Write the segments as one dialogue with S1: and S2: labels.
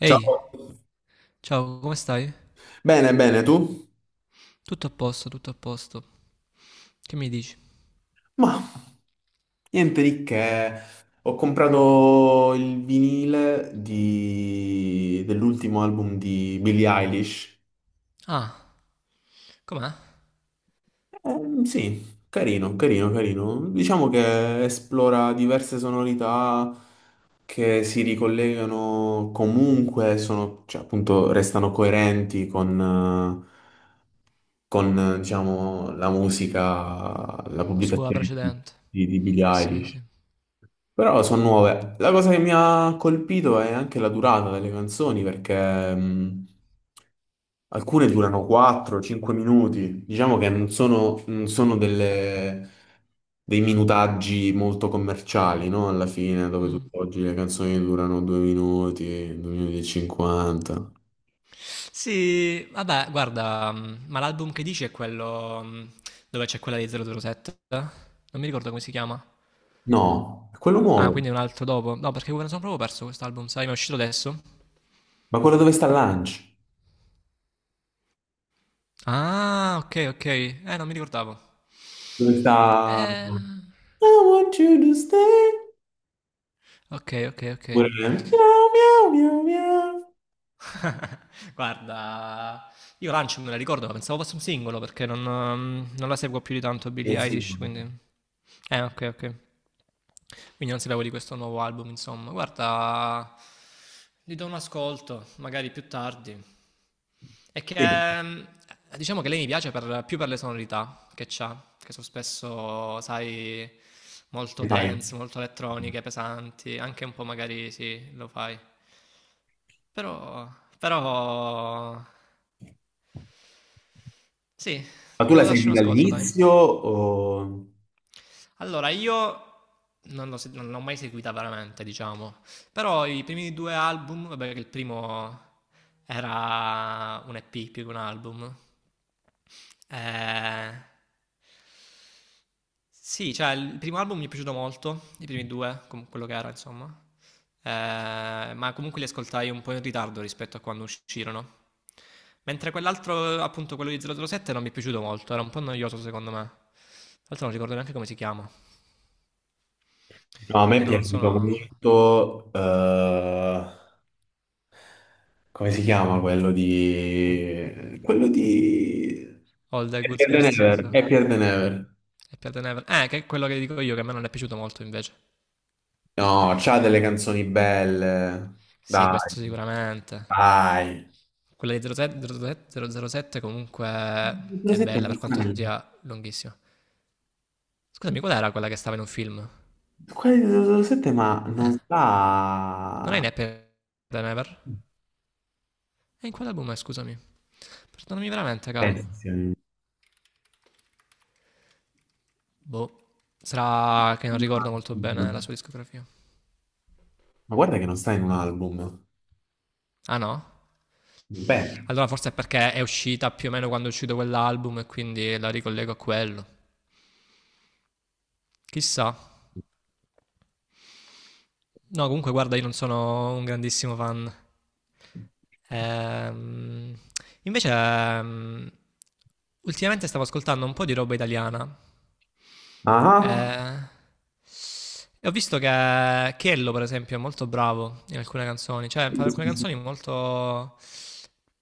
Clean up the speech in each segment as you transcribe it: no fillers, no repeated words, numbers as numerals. S1: Ehi,
S2: Ciao.
S1: ciao, come stai?
S2: Bene, bene, tu?
S1: Tutto a posto, tutto a posto. Che mi dici?
S2: Ma niente di che. Ho comprato il vinile dell'ultimo album di Billie Eilish.
S1: Ah, com'è?
S2: Sì, carino, carino, carino. Diciamo che esplora diverse sonorità che si ricollegano comunque, sono, cioè, appunto, restano coerenti eh, con, diciamo, la musica, la
S1: Sua
S2: pubblicazione di,
S1: precedente.
S2: di Billie
S1: Sì, sì.
S2: Eilish. Però sono nuove. La cosa che mi ha colpito è anche la durata delle canzoni, perché alcune durano 4-5 minuti. Diciamo che non sono, non sono dei minutaggi molto commerciali, no? Alla fine, dove
S1: Mm.
S2: oggi le canzoni durano 2 minuti, 2 minuti e 50.
S1: Sì, vabbè, guarda, ma l'album che dici è quello dove c'è quella di 007? Non mi ricordo come si chiama.
S2: No, è quello
S1: Ah,
S2: nuovo.
S1: quindi è un altro dopo. No, perché me ne sono proprio perso quest'album, sai, mi è uscito adesso.
S2: Ma quello dove sta Lunch?
S1: Ah, ok, ok. Non mi ricordavo.
S2: Dove sta
S1: Eh,
S2: I want you to stay.
S1: ok, ok, ok.
S2: Pure miau, miau, miau, miau.
S1: Guarda, io Lunch me la ricordo, ma pensavo fosse un singolo perché non la seguo più di tanto
S2: Eh
S1: Billie
S2: sì,
S1: Eilish, quindi. Ok, ok. Quindi non sapevo di questo nuovo album, insomma. Guarda, gli do un ascolto, magari più tardi. È
S2: sì,
S1: che diciamo che lei mi piace più per le sonorità che c'ha, che sono spesso, sai, molto
S2: mi fai.
S1: dense, molto elettroniche, pesanti, anche un po' magari sì, lo fai. Però, però. Sì,
S2: Ma tu la
S1: devo darci
S2: segui
S1: un ascolto, dai.
S2: dall'inizio o...
S1: Allora, io non l'ho mai seguita veramente, diciamo. Però i primi due album, vabbè, che il primo era un EP più che un album. Eh, sì, cioè il primo album mi è piaciuto molto, i primi due, quello che era, insomma. Ma comunque li ascoltai un po' in ritardo rispetto a quando uscirono. Mentre quell'altro, appunto, quello di 007 non mi è piaciuto molto, era un po' noioso secondo me. Tra l'altro non ricordo neanche come si chiama.
S2: No, a me
S1: Quindi
S2: è
S1: no, non
S2: piaciuto
S1: sono
S2: molto, come si chiama quello di
S1: All the Good
S2: Happier Than
S1: Girls non
S2: Ever,
S1: so.
S2: Happier Than Ever.
S1: Happy Than Ever. Che è quello che dico io, che a me non è piaciuto molto invece.
S2: No, c'ha delle canzoni belle,
S1: Sì,
S2: dai,
S1: questo sicuramente.
S2: dai.
S1: Quella di 007, 007 comunque è
S2: 007
S1: bella
S2: non
S1: per
S2: sta
S1: quanto
S2: nel...
S1: sia lunghissima. Scusami, qual era quella che stava in un film?
S2: Quelli di 007 ma non
S1: Eh, non è in
S2: sta...
S1: Happy Than Ever? E in quale album è, scusami? Perdonami veramente, caro.
S2: Pensi,
S1: Boh. Sarà che non ricordo molto bene la sua discografia.
S2: ma guarda che non sta in un album.
S1: Ah no?
S2: Beh,
S1: Allora forse è perché è uscita più o meno quando è uscito quell'album e quindi la ricollego a quello. Chissà. No, comunque guarda, io non sono un grandissimo fan. Ehm, invece, ultimamente stavo ascoltando un po' di roba italiana.
S2: ah,
S1: Eh, e ho visto che Chiello, per esempio, è molto bravo in alcune canzoni. Cioè, fa alcune canzoni molto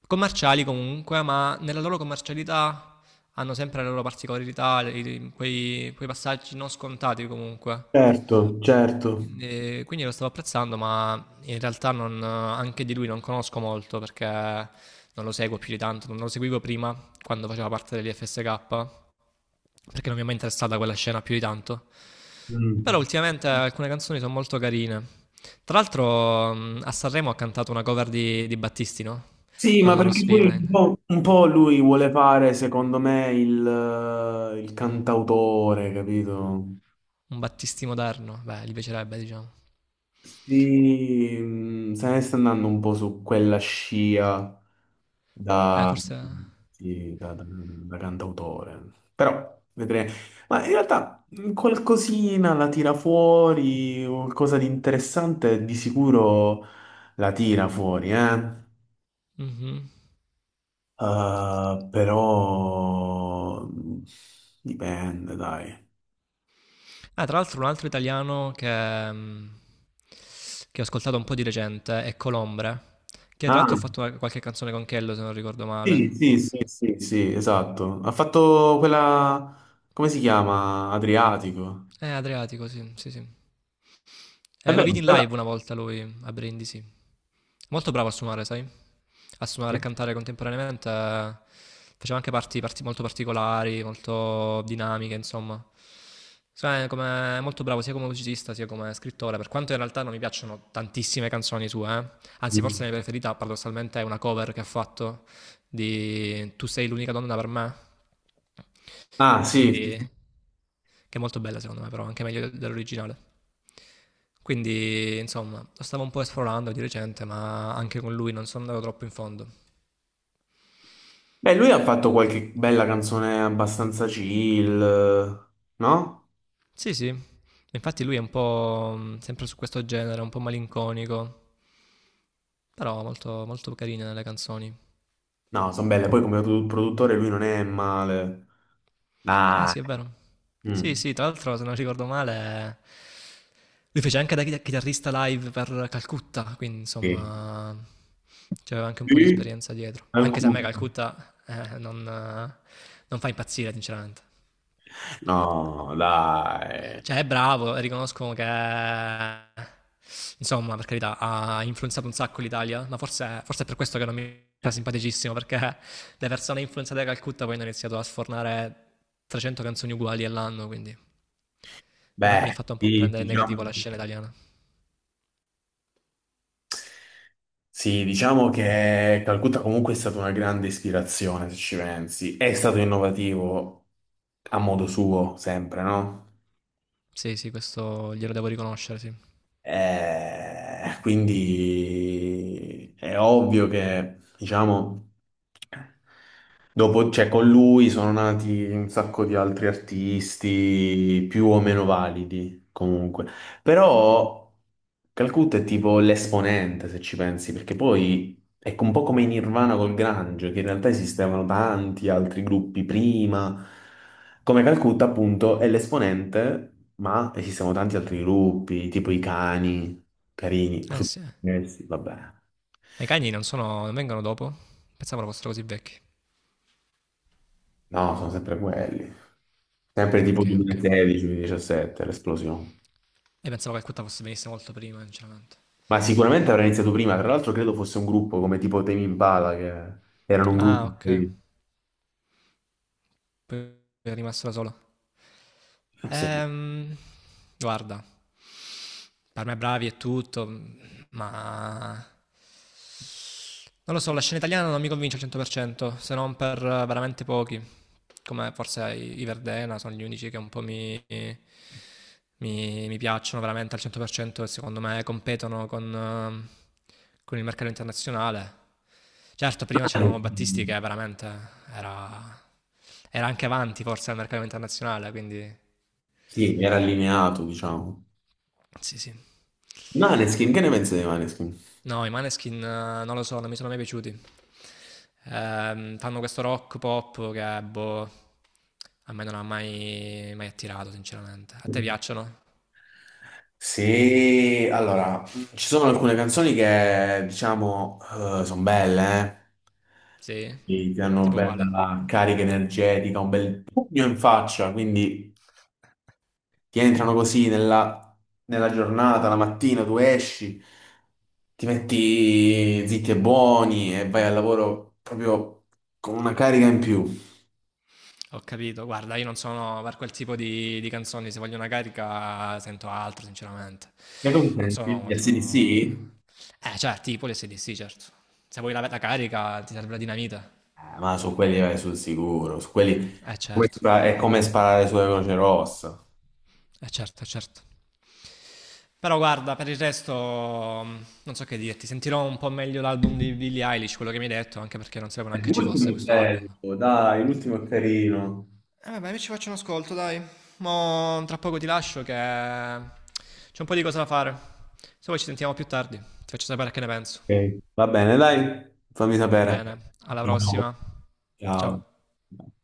S1: commerciali comunque, ma nella loro commercialità hanno sempre le loro particolarità, quei passaggi non scontati comunque.
S2: certo, certo.
S1: Quindi lo stavo apprezzando, ma in realtà non anche di lui non conosco molto perché non lo seguo più di tanto, non lo seguivo prima quando faceva parte dell'IFSK, perché non mi è mai interessata quella scena più di tanto. Però
S2: Mm.
S1: ultimamente alcune canzoni sono molto carine. Tra l'altro a Sanremo ha cantato una cover di Battisti, no?
S2: Sì, ma
S1: Con lo
S2: perché poi un
S1: Villain.
S2: po', un po' lui vuole fare, secondo me, il cantautore, capito?
S1: Un Battisti moderno, beh, gli piacerebbe, diciamo.
S2: Sì, se ne sta andando un po' su quella scia da,
S1: Forse.
S2: sì, da cantautore, però vedremo. Ma in realtà qualcosina la tira fuori, qualcosa di interessante di sicuro la tira fuori, eh?
S1: Mhm.
S2: Però dipende, dai.
S1: Ah, tra l'altro un altro italiano che ho ascoltato un po' di recente è Colombre, che tra l'altro
S2: Ah.
S1: ha fatto qualche canzone con Kello se non ricordo
S2: Sì,
S1: male.
S2: sì, sì, sì, sì, esatto. Ha fatto quella, come si chiama? Adriatico.
S1: Adriatico, sì, sì, sì.
S2: È
S1: Lo
S2: vero,
S1: vidi in
S2: bella.
S1: live una volta lui a Brindisi. Molto bravo a suonare, sai? A suonare e cantare contemporaneamente. Faceva anche parti molto particolari, molto dinamiche, insomma. Cioè, come, è molto bravo sia come musicista sia come scrittore, per quanto in realtà non mi piacciono tantissime canzoni sue, eh. Anzi, forse
S2: Mm.
S1: la mia preferita paradossalmente è una cover che ha fatto di Tu sei l'unica donna per me
S2: Ah, sì, sì,
S1: quindi,
S2: sì.
S1: che è molto bella secondo me, però anche meglio dell'originale. Quindi, insomma, lo stavo un po' esplorando di recente, ma anche con lui non sono andato troppo in fondo.
S2: Beh, lui ha fatto qualche bella canzone abbastanza chill, no?
S1: Sì, sì. Infatti lui è un po' sempre su questo genere, un po' malinconico, però molto, molto carino nelle canzoni.
S2: No, sono belle. Poi come produttore lui non è male.
S1: Eh
S2: Dai.
S1: sì, è vero. Sì,
S2: Mm.
S1: sì, tra l'altro, se non ricordo male, lui fece anche da chitarrista live per Calcutta, quindi
S2: Sì.
S1: insomma, c'aveva anche un po' di
S2: Sì?
S1: esperienza dietro. Anche se a me
S2: Alcuno.
S1: Calcutta non fa impazzire, sinceramente.
S2: No, dai.
S1: Cioè, è bravo e riconosco che, insomma, per carità, ha influenzato un sacco l'Italia, ma forse, forse è per questo che non mi sta simpaticissimo, perché le persone influenzate da Calcutta poi hanno iniziato a sfornare 300 canzoni uguali all'anno, quindi. Mi ha
S2: Beh,
S1: fatto un po'
S2: sì,
S1: prendere negativo
S2: diciamo.
S1: la scena italiana.
S2: Sì, diciamo che Calcutta comunque è stata una grande ispirazione, se ci pensi. È stato innovativo a modo suo, sempre, no?
S1: Sì, sì, questo glielo devo riconoscere, sì.
S2: Quindi è ovvio che, diciamo, dopo, cioè, con lui sono nati un sacco di altri artisti più o meno validi, comunque. Però Calcutta è tipo l'esponente, se ci pensi, perché poi... Ecco, un po' come in Nirvana col Grunge, che in realtà esistevano tanti altri gruppi prima, come Calcutta appunto è l'esponente, ma esistevano tanti altri gruppi, tipo i cani, carini,
S1: Eh sì. Eh.
S2: Superstessi, vabbè,
S1: Ma i cagni non vengono dopo? Pensavo fossero così vecchi.
S2: no, sono sempre quelli, sempre tipo
S1: Ok, ok.
S2: 2016-2017, l'esplosione.
S1: E pensavo che il Cutta fosse venisse molto prima, sinceramente.
S2: Ma sicuramente avrà iniziato prima, tra l'altro credo fosse un gruppo come tipo Tame Impala, che erano un
S1: Ah,
S2: gruppo,
S1: ok. Poi è rimasto da solo.
S2: sì,
S1: Ehm, guarda, per me bravi e tutto, ma non lo so, la scena italiana non mi convince al 100%, se non per veramente pochi, come forse i Verdena sono gli unici che un po' mi piacciono veramente al 100% e secondo me competono con il mercato internazionale. Certo, prima c'avevamo Battisti che veramente era, era anche avanti forse al mercato internazionale, quindi
S2: sì, era allineato, diciamo.
S1: sì, sì.
S2: Maneskin, che ne pensi dei Maneskin?
S1: No, i Maneskin non lo so, non mi sono mai piaciuti. Fanno questo rock pop che, boh, a me non ha mai, mai attirato, sinceramente. A te piacciono?
S2: Sì, allora, ci sono alcune canzoni che, diciamo, sono belle, eh?
S1: Sì?
S2: Ti danno una
S1: Tipo quale?
S2: bella carica energetica, un bel pugno in faccia, quindi ti entrano così nella giornata, la mattina tu esci, ti metti zitti e buoni e vai al lavoro proprio con una carica in più.
S1: Ho capito, guarda, io non sono per quel tipo di canzoni, se voglio una carica sento altro, sinceramente.
S2: Che cosa
S1: Non sono
S2: senti? Gli
S1: molto...
S2: AC/DC?
S1: Certo, tipo le SDC, certo. Se vuoi la carica ti serve la dinamita.
S2: Ma su quelli vai sul sicuro, su quelli come
S1: Certo,
S2: è come sparare sulle Croce Rossa.
S1: certo, certo. Però guarda, per il resto non so che dirti, sentirò un po' meglio l'album di Billie Eilish, quello che mi hai detto, anche perché non sapevo neanche ci
S2: L'ultimo
S1: fosse
S2: è
S1: questo album.
S2: bello, dai, l'ultimo è carino.
S1: E vabbè, io ci faccio un ascolto, dai. Mo tra poco ti lascio che c'è un po' di cose da fare. Se vuoi ci sentiamo più tardi, ti faccio sapere che ne penso.
S2: Ok. Va bene, dai, fammi
S1: Va
S2: sapere.
S1: bene, alla
S2: Ciao.
S1: prossima.
S2: Ciao.
S1: Ciao.